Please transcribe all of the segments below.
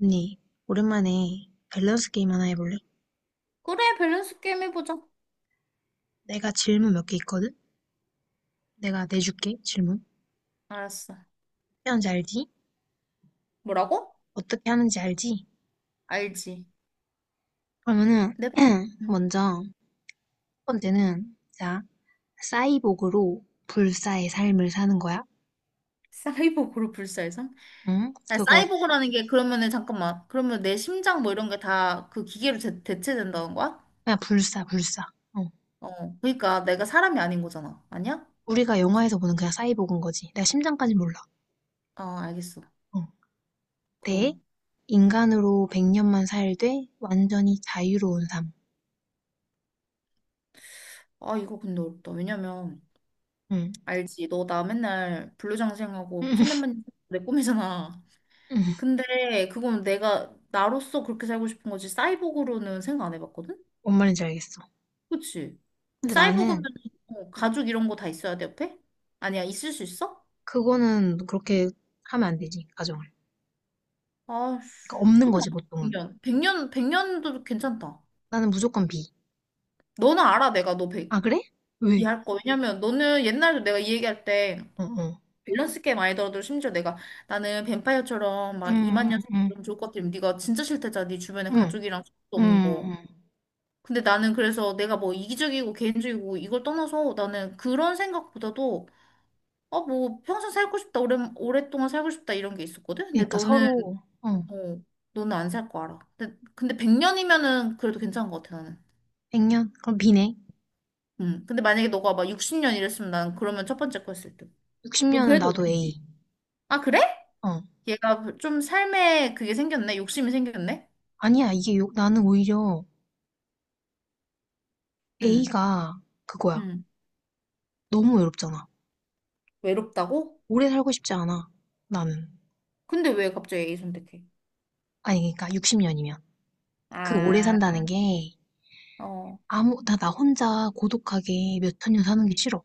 언니, 오랜만에 밸런스 게임 하나 해볼래? 그래, 밸런스 게임 해보자. 내가 질문 몇 개 있거든? 내가 내줄게, 질문. 어떻게 알았어. 하는지 알지? 뭐라고? 어떻게 하는지 알지? 알지. 그러면은, 내 방- 음, 먼저, 첫 번째는, 자, 사이보그로 불사의 삶을 사는 거야. 사이보그로 불사의성? 응? 아, 사이보그라는 게 그러면은 잠깐만. 그러면 내 심장 뭐 이런 게 다 그 기계로 대체된다는 거야? 그냥 불사, 불사. 어. 어. 그러니까 내가 사람이 아닌 거잖아. 아니야? 우리가 영화에서 보는 그냥 사이보그인 거지. 내가 심장까지 몰라. 아, 알겠어. 어. 대, 그리고 인간으로 100년만 살되 완전히 자유로운 삶. 아, 이거 근데 어렵다. 왜냐면 응. 알지. 너 나 맨날 불로장생하고 천년만년 내 꿈이잖아. 근데 그건 내가 나로서 그렇게 살고 싶은 거지. 사이보그로는 생각 안 해봤거든? 뭔 말인지 알겠어. 그치? 그럼 근데 사이보그면 나는 어, 가죽 이런 거 다 있어야 돼, 옆에? 아니야, 있을 수 있어? 그거는 그렇게 하면 안 되지, 가정을. 아, 그러니까 없는 그럼 나 거지, 보통은. 100년. 100년, 100년도 괜찮다. 나는 무조건 B. 너는 알아, 내가 너 100, 아, 그래? 왜? 이해할 거. 왜냐면 너는 옛날에 내가 이 얘기할 때 어, 어. 밸런스 게임 많이 들어도 심지어 내가 나는 뱀파이어처럼 막 음, 2만 음, 년 음, 사는 좋을 것 같으면 네가 진짜 싫대잖아. 네 주변에 음, 가족이랑 친구도 음. 없는 거. 음. 근데 나는 그래서 내가 뭐 이기적이고 개인적이고 이걸 떠나서 나는 그런 생각보다도 어, 뭐, 평생 살고 싶다, 오래, 오랫동안 살고 싶다, 이런 게 있었거든? 근데 그러니까 너는, 서로, 어, 너는 안 살 거 알아. 근데 100년이면은 그래도 괜찮은 것 같아, 나는. 100년? 그럼 B네. 음. 근데 만약에 너가 막 60년 이랬으면 난 그러면 첫 번째 거 했을 때. 넌 60년은 그래도 나도 어디지? A. 아, 그래? 어. 얘가 좀 삶에 그게 생겼네? 욕심이 생겼네? 아니야, 나는 오히려 응, A가 그거야. 응. 너무 외롭잖아. 외롭다고? 오래 살고 싶지 않아, 나는. 근데 왜 갑자기 A 선택해? 아니, 그러니까 60년이면. 그 오래 아, 산다는 게 어, 나 혼자 고독하게 몇 천년 사는 게 싫어.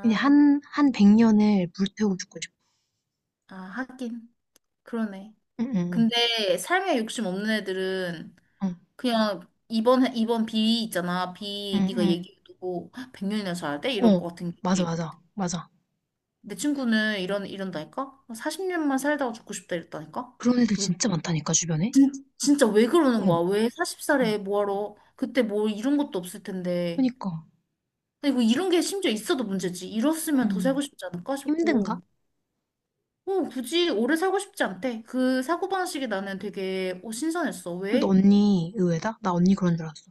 그냥 한 100년을 물태우고 죽고 싶어. 아, 하긴. 그러네. 응응응. 근데 삶에 욕심 없는 애들은 응, 그냥 이번 비 있잖아. 비 네가 응, 얘기해도 100년이나 살아야 돼? 응. 이럴 어, 것 같은 맞아, 게. 맞아, 맞아. 내 친구는 이런 이런다니까? 40년만 살다가 죽고 싶다 이랬다니까? 그런 애들 왜- 진짜 많다니까, 주변에? 진짜 왜 그러는 응, 거야? 왜 응, 40살에 뭐하러 그때 뭐 이런 것도 없을 텐데. 그니까. 아니 뭐 이런 게 심지어 있어도 문제지. 이렇으면 더 응, 살고 싶지 않을까 힘든가? 싶고. 어, 굳이 오래 살고 싶지 않대. 그 사고방식이 나는 되게 어, 신선했어. 근데 왜? 언니 의외다? 나 언니 그런 줄 알았어.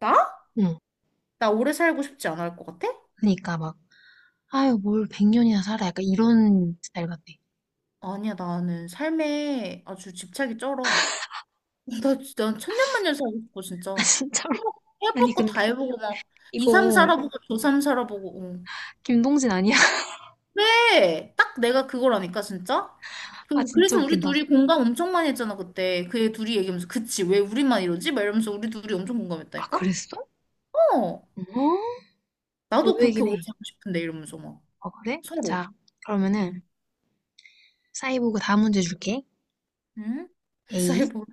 나? 응. 나 오래 살고 싶지 않을 것 같아? 그니까 막, 아유, 뭘 100년이나 살아. 약간 이런 스타일 같아. 아니야, 나는 삶에 아주 집착이 쩔어. 나 진짜 난 천년만년 살고 싶어, 진짜. 아, 진짜로. 해볼, 아니, 해볼 거 근데 다 해보고 막, 이 이거 삼 살아보고, 저삼 살아보고. 응. 김동진 아니야? 왜? 딱 내가 그거라니까, 진짜? 아, 그- 진짜 그래서 우리 웃긴다. 둘이 공감 엄청 많이 했잖아, 그때. 그 애 둘이 얘기하면서, 그치, 왜 우리만 이러지? 막 이러면서 우리 둘이 엄청 아, 공감했다니까? 그랬어? 어, 어? 나도 그렇게 의외긴 오래 해. 살고 싶은데, 이러면서 막, 어, 그래? 서로. 자, 그러면은, 응? 사이보그 다음 문제 줄게. 응? A. 사이버,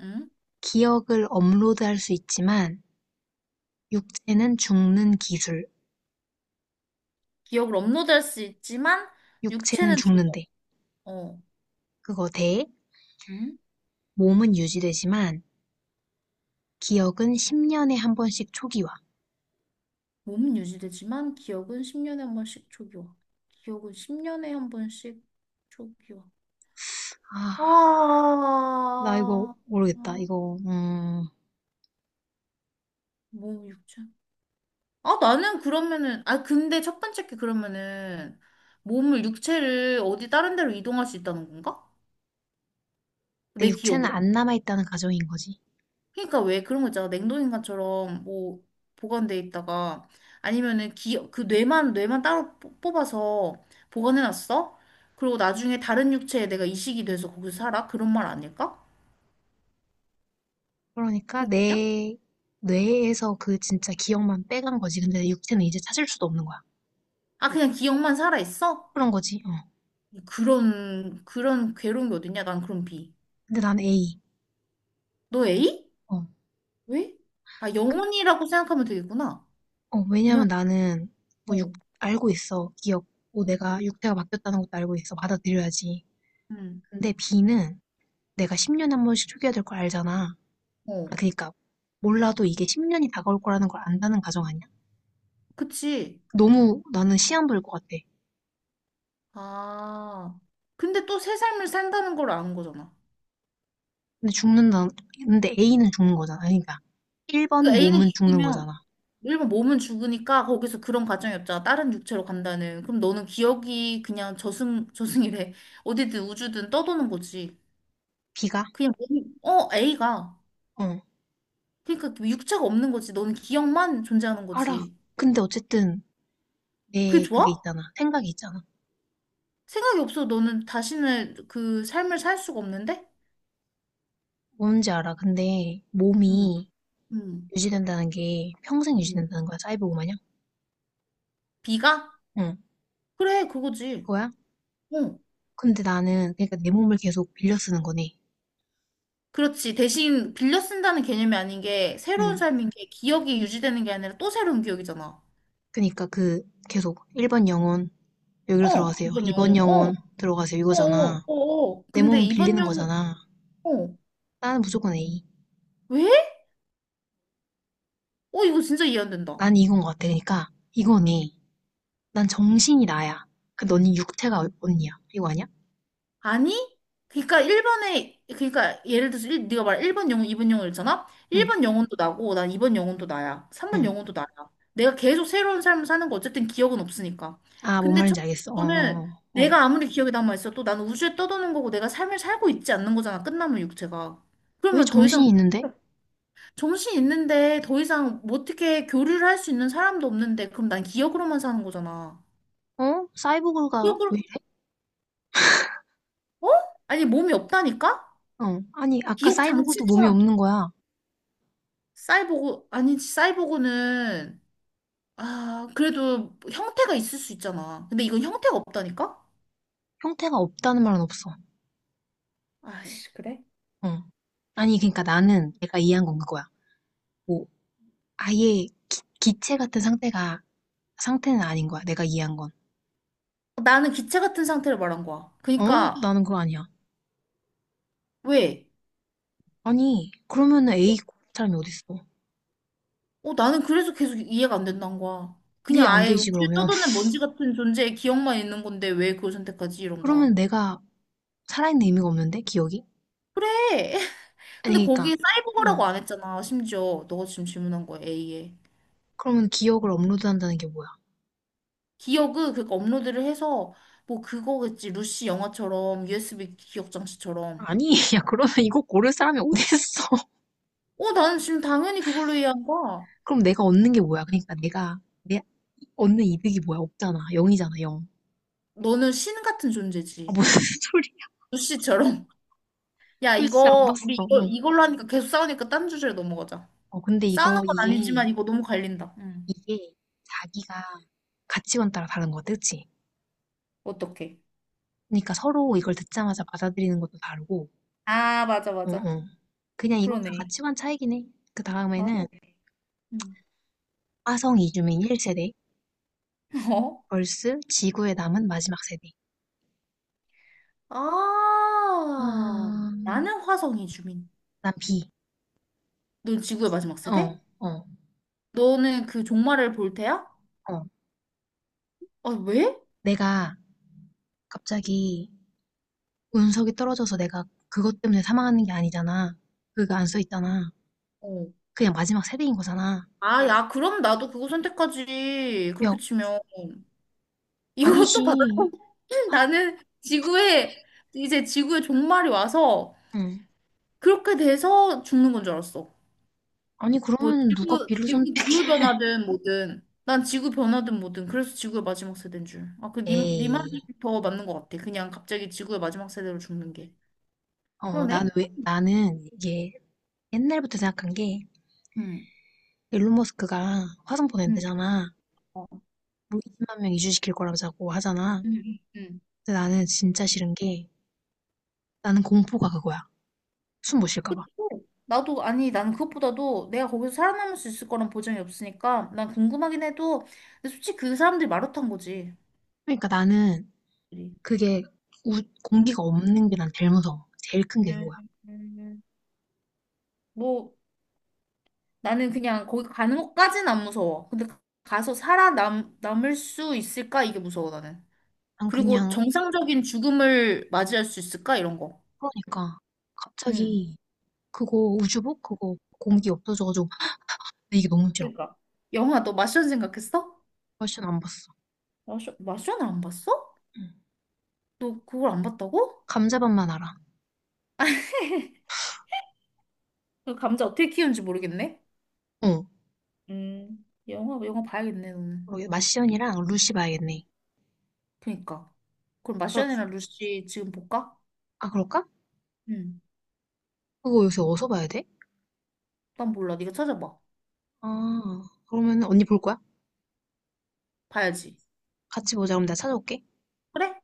응? 기억을 업로드할 수 있지만 육체는 죽는 기술, 기억을 업로드할 수 있지만, 육체는 육체는 죽어. 죽는데 어. 그거 대 응? 몸은 유지되지만 기억은 10년에 한 번씩 초기화. 몸은 유지되지만 기억은 10년에 한 번씩 초기화 기억은 10년에 한 번씩 초기 와. 아, 나 이거 아, 모르겠다. 아, 이거 몸 육체. 아, 나는 그러면은, 아, 근데 첫 번째 게 그러면은 몸을 육체를 어디 다른 데로 이동할 수 있다는 건가? 내 내 육체는 기억으로? 안 남아 있다는 가정인 거지. 그러니까 왜 그런 거 있잖아. 냉동인간처럼 뭐 보관돼 있다가 아니면은 기, 그 뇌만 따로 뽑아서 보관해놨어. 그리고 나중에 다른 육체에 내가 이식이 돼서 거기서 살아? 그런 말 아닐까? 그러니까 그런 거냐? 내 뇌에서 그 진짜 기억만 빼간 거지. 근데 내 육체는 이제 찾을 수도 없는 거야. 아 그냥 기억만 살아 있어? 그런 거지. 어. 그런 괴로운 게 어딨냐? 난 그런 비. 근데 난 A. 너 A? 어. 왜? 아 영혼이라고 생각하면 되겠구나. 어, 그냥 왜냐면 나는 뭐 육, 어, 알고 있어. 기억. 뭐 내가 육태가 바뀌었다는 것도 알고 있어. 받아들여야지. 음, 근데 비는 내가 10년에 한 번씩 초기화 될걸 알잖아. 아, 어, 그니까 몰라도 이게 10년이 다가올 거라는 걸 안다는 가정 아니야? 그치. 너무 나는 시한부일 것 같아. 아 근데 또 새 삶을 산다는 걸 아는 거잖아. 근데 죽는다. 근데 A는 죽는 거잖아. 그러니까 그 1번 A는 몸은 죽는 죽으면 거잖아. 일본 몸은 죽으니까 거기서 그런 가정이 없잖아. 다른 육체로 간다는. 그럼 너는 기억이 그냥 저승이래. 어디든 우주든 떠도는 거지. B가? 그냥 몸이 어 A가 어, 그러니까 육체가 없는 거지. 너는 기억만 존재하는 알아. 거지. 근데 어쨌든 내 그게 좋아? 그게 있잖아. 생각이 있잖아. 생각이 없어. 너는 다시는 그 삶을 살 수가 없는데? 뭔지 알아. 근데 응 몸이 응 유지된다는 게 평생 응 유지된다는 거야, 사이보그 마냥? B가? 응, 그래, 그거지. 그거야? 어. 근데 나는, 그러니까 내 몸을 계속 빌려 쓰는 거네. 그렇지. 대신 빌려 쓴다는 개념이 아닌 게 새로운 응. 삶인 게 기억이 유지되는 게 아니라 또 새로운 기억이잖아. 그러니까 그, 계속 1번 영혼, 여기로 어, 들어가세요. 이번 2번 영혼. 영혼, 어, 들어가세요. 어, 어, 이거잖아. 어. 어. 내 근데 몸은 이번 빌리는 영혼, 거잖아. 어, 나는 무조건 A. 왜? 어, 이거 진짜 이해 안 된다. 난 이건 것 같아. 그러니까, 이거네. 난 정신이 나야. 그 너는 육태가 언니야. 이거 아니야? 아니? 그러니까 1번에, 그러니까 예를 들어서 일, 네가 말한 1번 영혼, 2번 영혼 있잖아? 응, 1번 영혼도 나고, 난 2번 영혼도 나야. 3번 응. 영혼도 나야. 내가 계속 새로운 삶을 사는 거 어쨌든 기억은 없으니까. 아, 뭔 근데 첫 말인지 번째 알겠어. 어, 거는 어, 어. 어. 내가 아무리 기억이 남아있어도 나는 우주에 떠도는 거고 내가 삶을 살고 있지 않는 거잖아. 끝나면 육체가. 왜 그러면 더 이상 정신이 있는데? 정신 있는데 더 이상 뭐 어떻게 교류를 할 수 있는 사람도 없는데 그럼 난 기억으로만 사는 거잖아. 어? 사이보그가 기억으로 왜 이래? 어? 아니 몸이 없다니까? 아니, 아까 기억 사이보그도 몸이 장치처럼 없는 거야. 사이보고 아니지 사이보고는 아 그래도 형태가 있을 수 있잖아. 근데 이건 형태가 없다니까? 형태가 없다는 말은 없어. 아씨 그래? 어. 아니, 그러니까 나는 내가 이해한 건 그거야. 뭐, 아예 기, 체 같은 상태가, 상태는 아닌 거야. 내가 이해한 건. 나는 기체 같은 상태를 말한 거야. 어? 그러니까 나는 그거 아니야. 왜? 아니, 그러면은 A 사람이 어딨어? 어 나는 그래서 계속 이해가 안 된다는 거야. 이게 그냥 안 아예 되지, 우주에 그러면. 떠도는 먼지 같은 존재의 기억만 있는 건데 왜 그걸 선택하지 이런 그러면 거야. 내가 살아있는 의미가 없는데? 기억이? 그래. 근데 아니, 그러니까, 거기 어. 사이버거라고 안 했잖아. 심지어 너가 지금 질문한 거야 A에. 그러면 기억을 업로드한다는 게 뭐야? 기억은 그니까 업로드를 해서 뭐 그거겠지. 루시 영화처럼 USB 기억 장치처럼. 아니, 야, 그러면 이거 고를 사람이 어딨어? 어, 나는 지금 당연히 그걸로 이해한 거야. 그럼 내가 얻는 게 뭐야? 그러니까 얻는 이득이 뭐야? 없잖아. 0이잖아, 0. 너는 신 같은 아, 존재지. 무슨 소리야. 루시처럼. 야, 루시 안 이거 봤어. 우리 이걸 응. 이걸로 하니까 계속 싸우니까 딴 주제로 넘어가자. 어, 근데 싸우는 건 아니지만 이거 너무 갈린다. 응. 이게 자기가 가치관 따라 다른 거 같아, 그치? 어떡해. 그러니까 서로 이걸 듣자마자 받아들이는 것도 다르고, 아, 맞아, 응, 맞아. 응. 그냥 이건 다 그러네. 가치관 차이긴 해. 그 맞아. 다음에는 응. 화성 이주민 1세대, 어? 벌스 지구에 남은 마지막 세대. 아, 아, 나는 화성이 주민. 난 B. 넌 지구의 마지막 세대? 어, 어, 너는 그 종말을 볼 테야? 어. 아, 왜? 내가 갑자기 운석이 떨어져서 내가 그것 때문에 사망하는 게 아니잖아. 그거 안 써 있잖아. 어. 그냥 마지막 세대인 거잖아. 아, 야, 그럼 나도 그거 선택하지. 야, 그렇게 치면. 아니지. 이것도 받아. 아, 나는 지구에, 이제 지구의 종말이 와서 응. 그렇게 돼서 죽는 건 줄 알았어. 아니, 뭐, 그러면 누가 지구, B를 지구 선택해? 기후변화든 뭐든. 난 지구 변화든 뭐든. 그래서 지구의 마지막 세대인 줄. 아, 니 에이, 말이 더 맞는 것 같아. 그냥 갑자기 지구의 마지막 세대로 죽는 게. 그러네? 나는 이게 옛날부터 생각한 게, 응. 일론 머스크가 화성 응. 보낸대잖아. 어. 뭐 20만 명 이주시킬 거라고 자꾸 하잖아. 응. 응. 응. 근데 나는 진짜 싫은 게, 나는 공포가 그거야. 숨 못 쉴까 봐. 그쵸? 나도 아니 나는 그것보다도 내가 거기서 살아남을 수 있을 거란 보장이 없으니까 난 궁금하긴 해도 근데 솔직히 그 사람들이 마루탄 거지. 그러니까 나는 그게 공기가 없는 게 난 제일 무서워. 제일 큰 게 음, 그거야. 음. 뭐 나는 그냥 거기 가는 것까진 안 무서워. 근데 가서 살아남 남을 수 있을까 이게 무서워 나는. 난 그리고 그냥, 정상적인 죽음을 맞이할 수 있을까 이런 거. 그러니까, 응. 갑자기 그거 우주복? 그거 공기 없어져가지고, 나 이게 너무 싫어. 그러니까. 영화 너 마션 생각했어? 훨씬 안 봤어. 마션을 안 봤어? 응. 너 그걸 안 봤다고? 감자밥만 알아. 그 감자 어떻게 키우는지 모르겠네. 어. 영화 봐야겠네, 너는. 그러게 마시연이랑 루시 봐야겠네. 그니까. 그럼 어, 마션이랑 루시 지금 볼까? 아, 그럴까? 응. 그거 요새 어디서 봐야 돼? 난 몰라. 네가 찾아봐. 아, 그러면 언니 볼 거야? 봐야지. 같이 보자. 그럼 내가 찾아올게. 그래?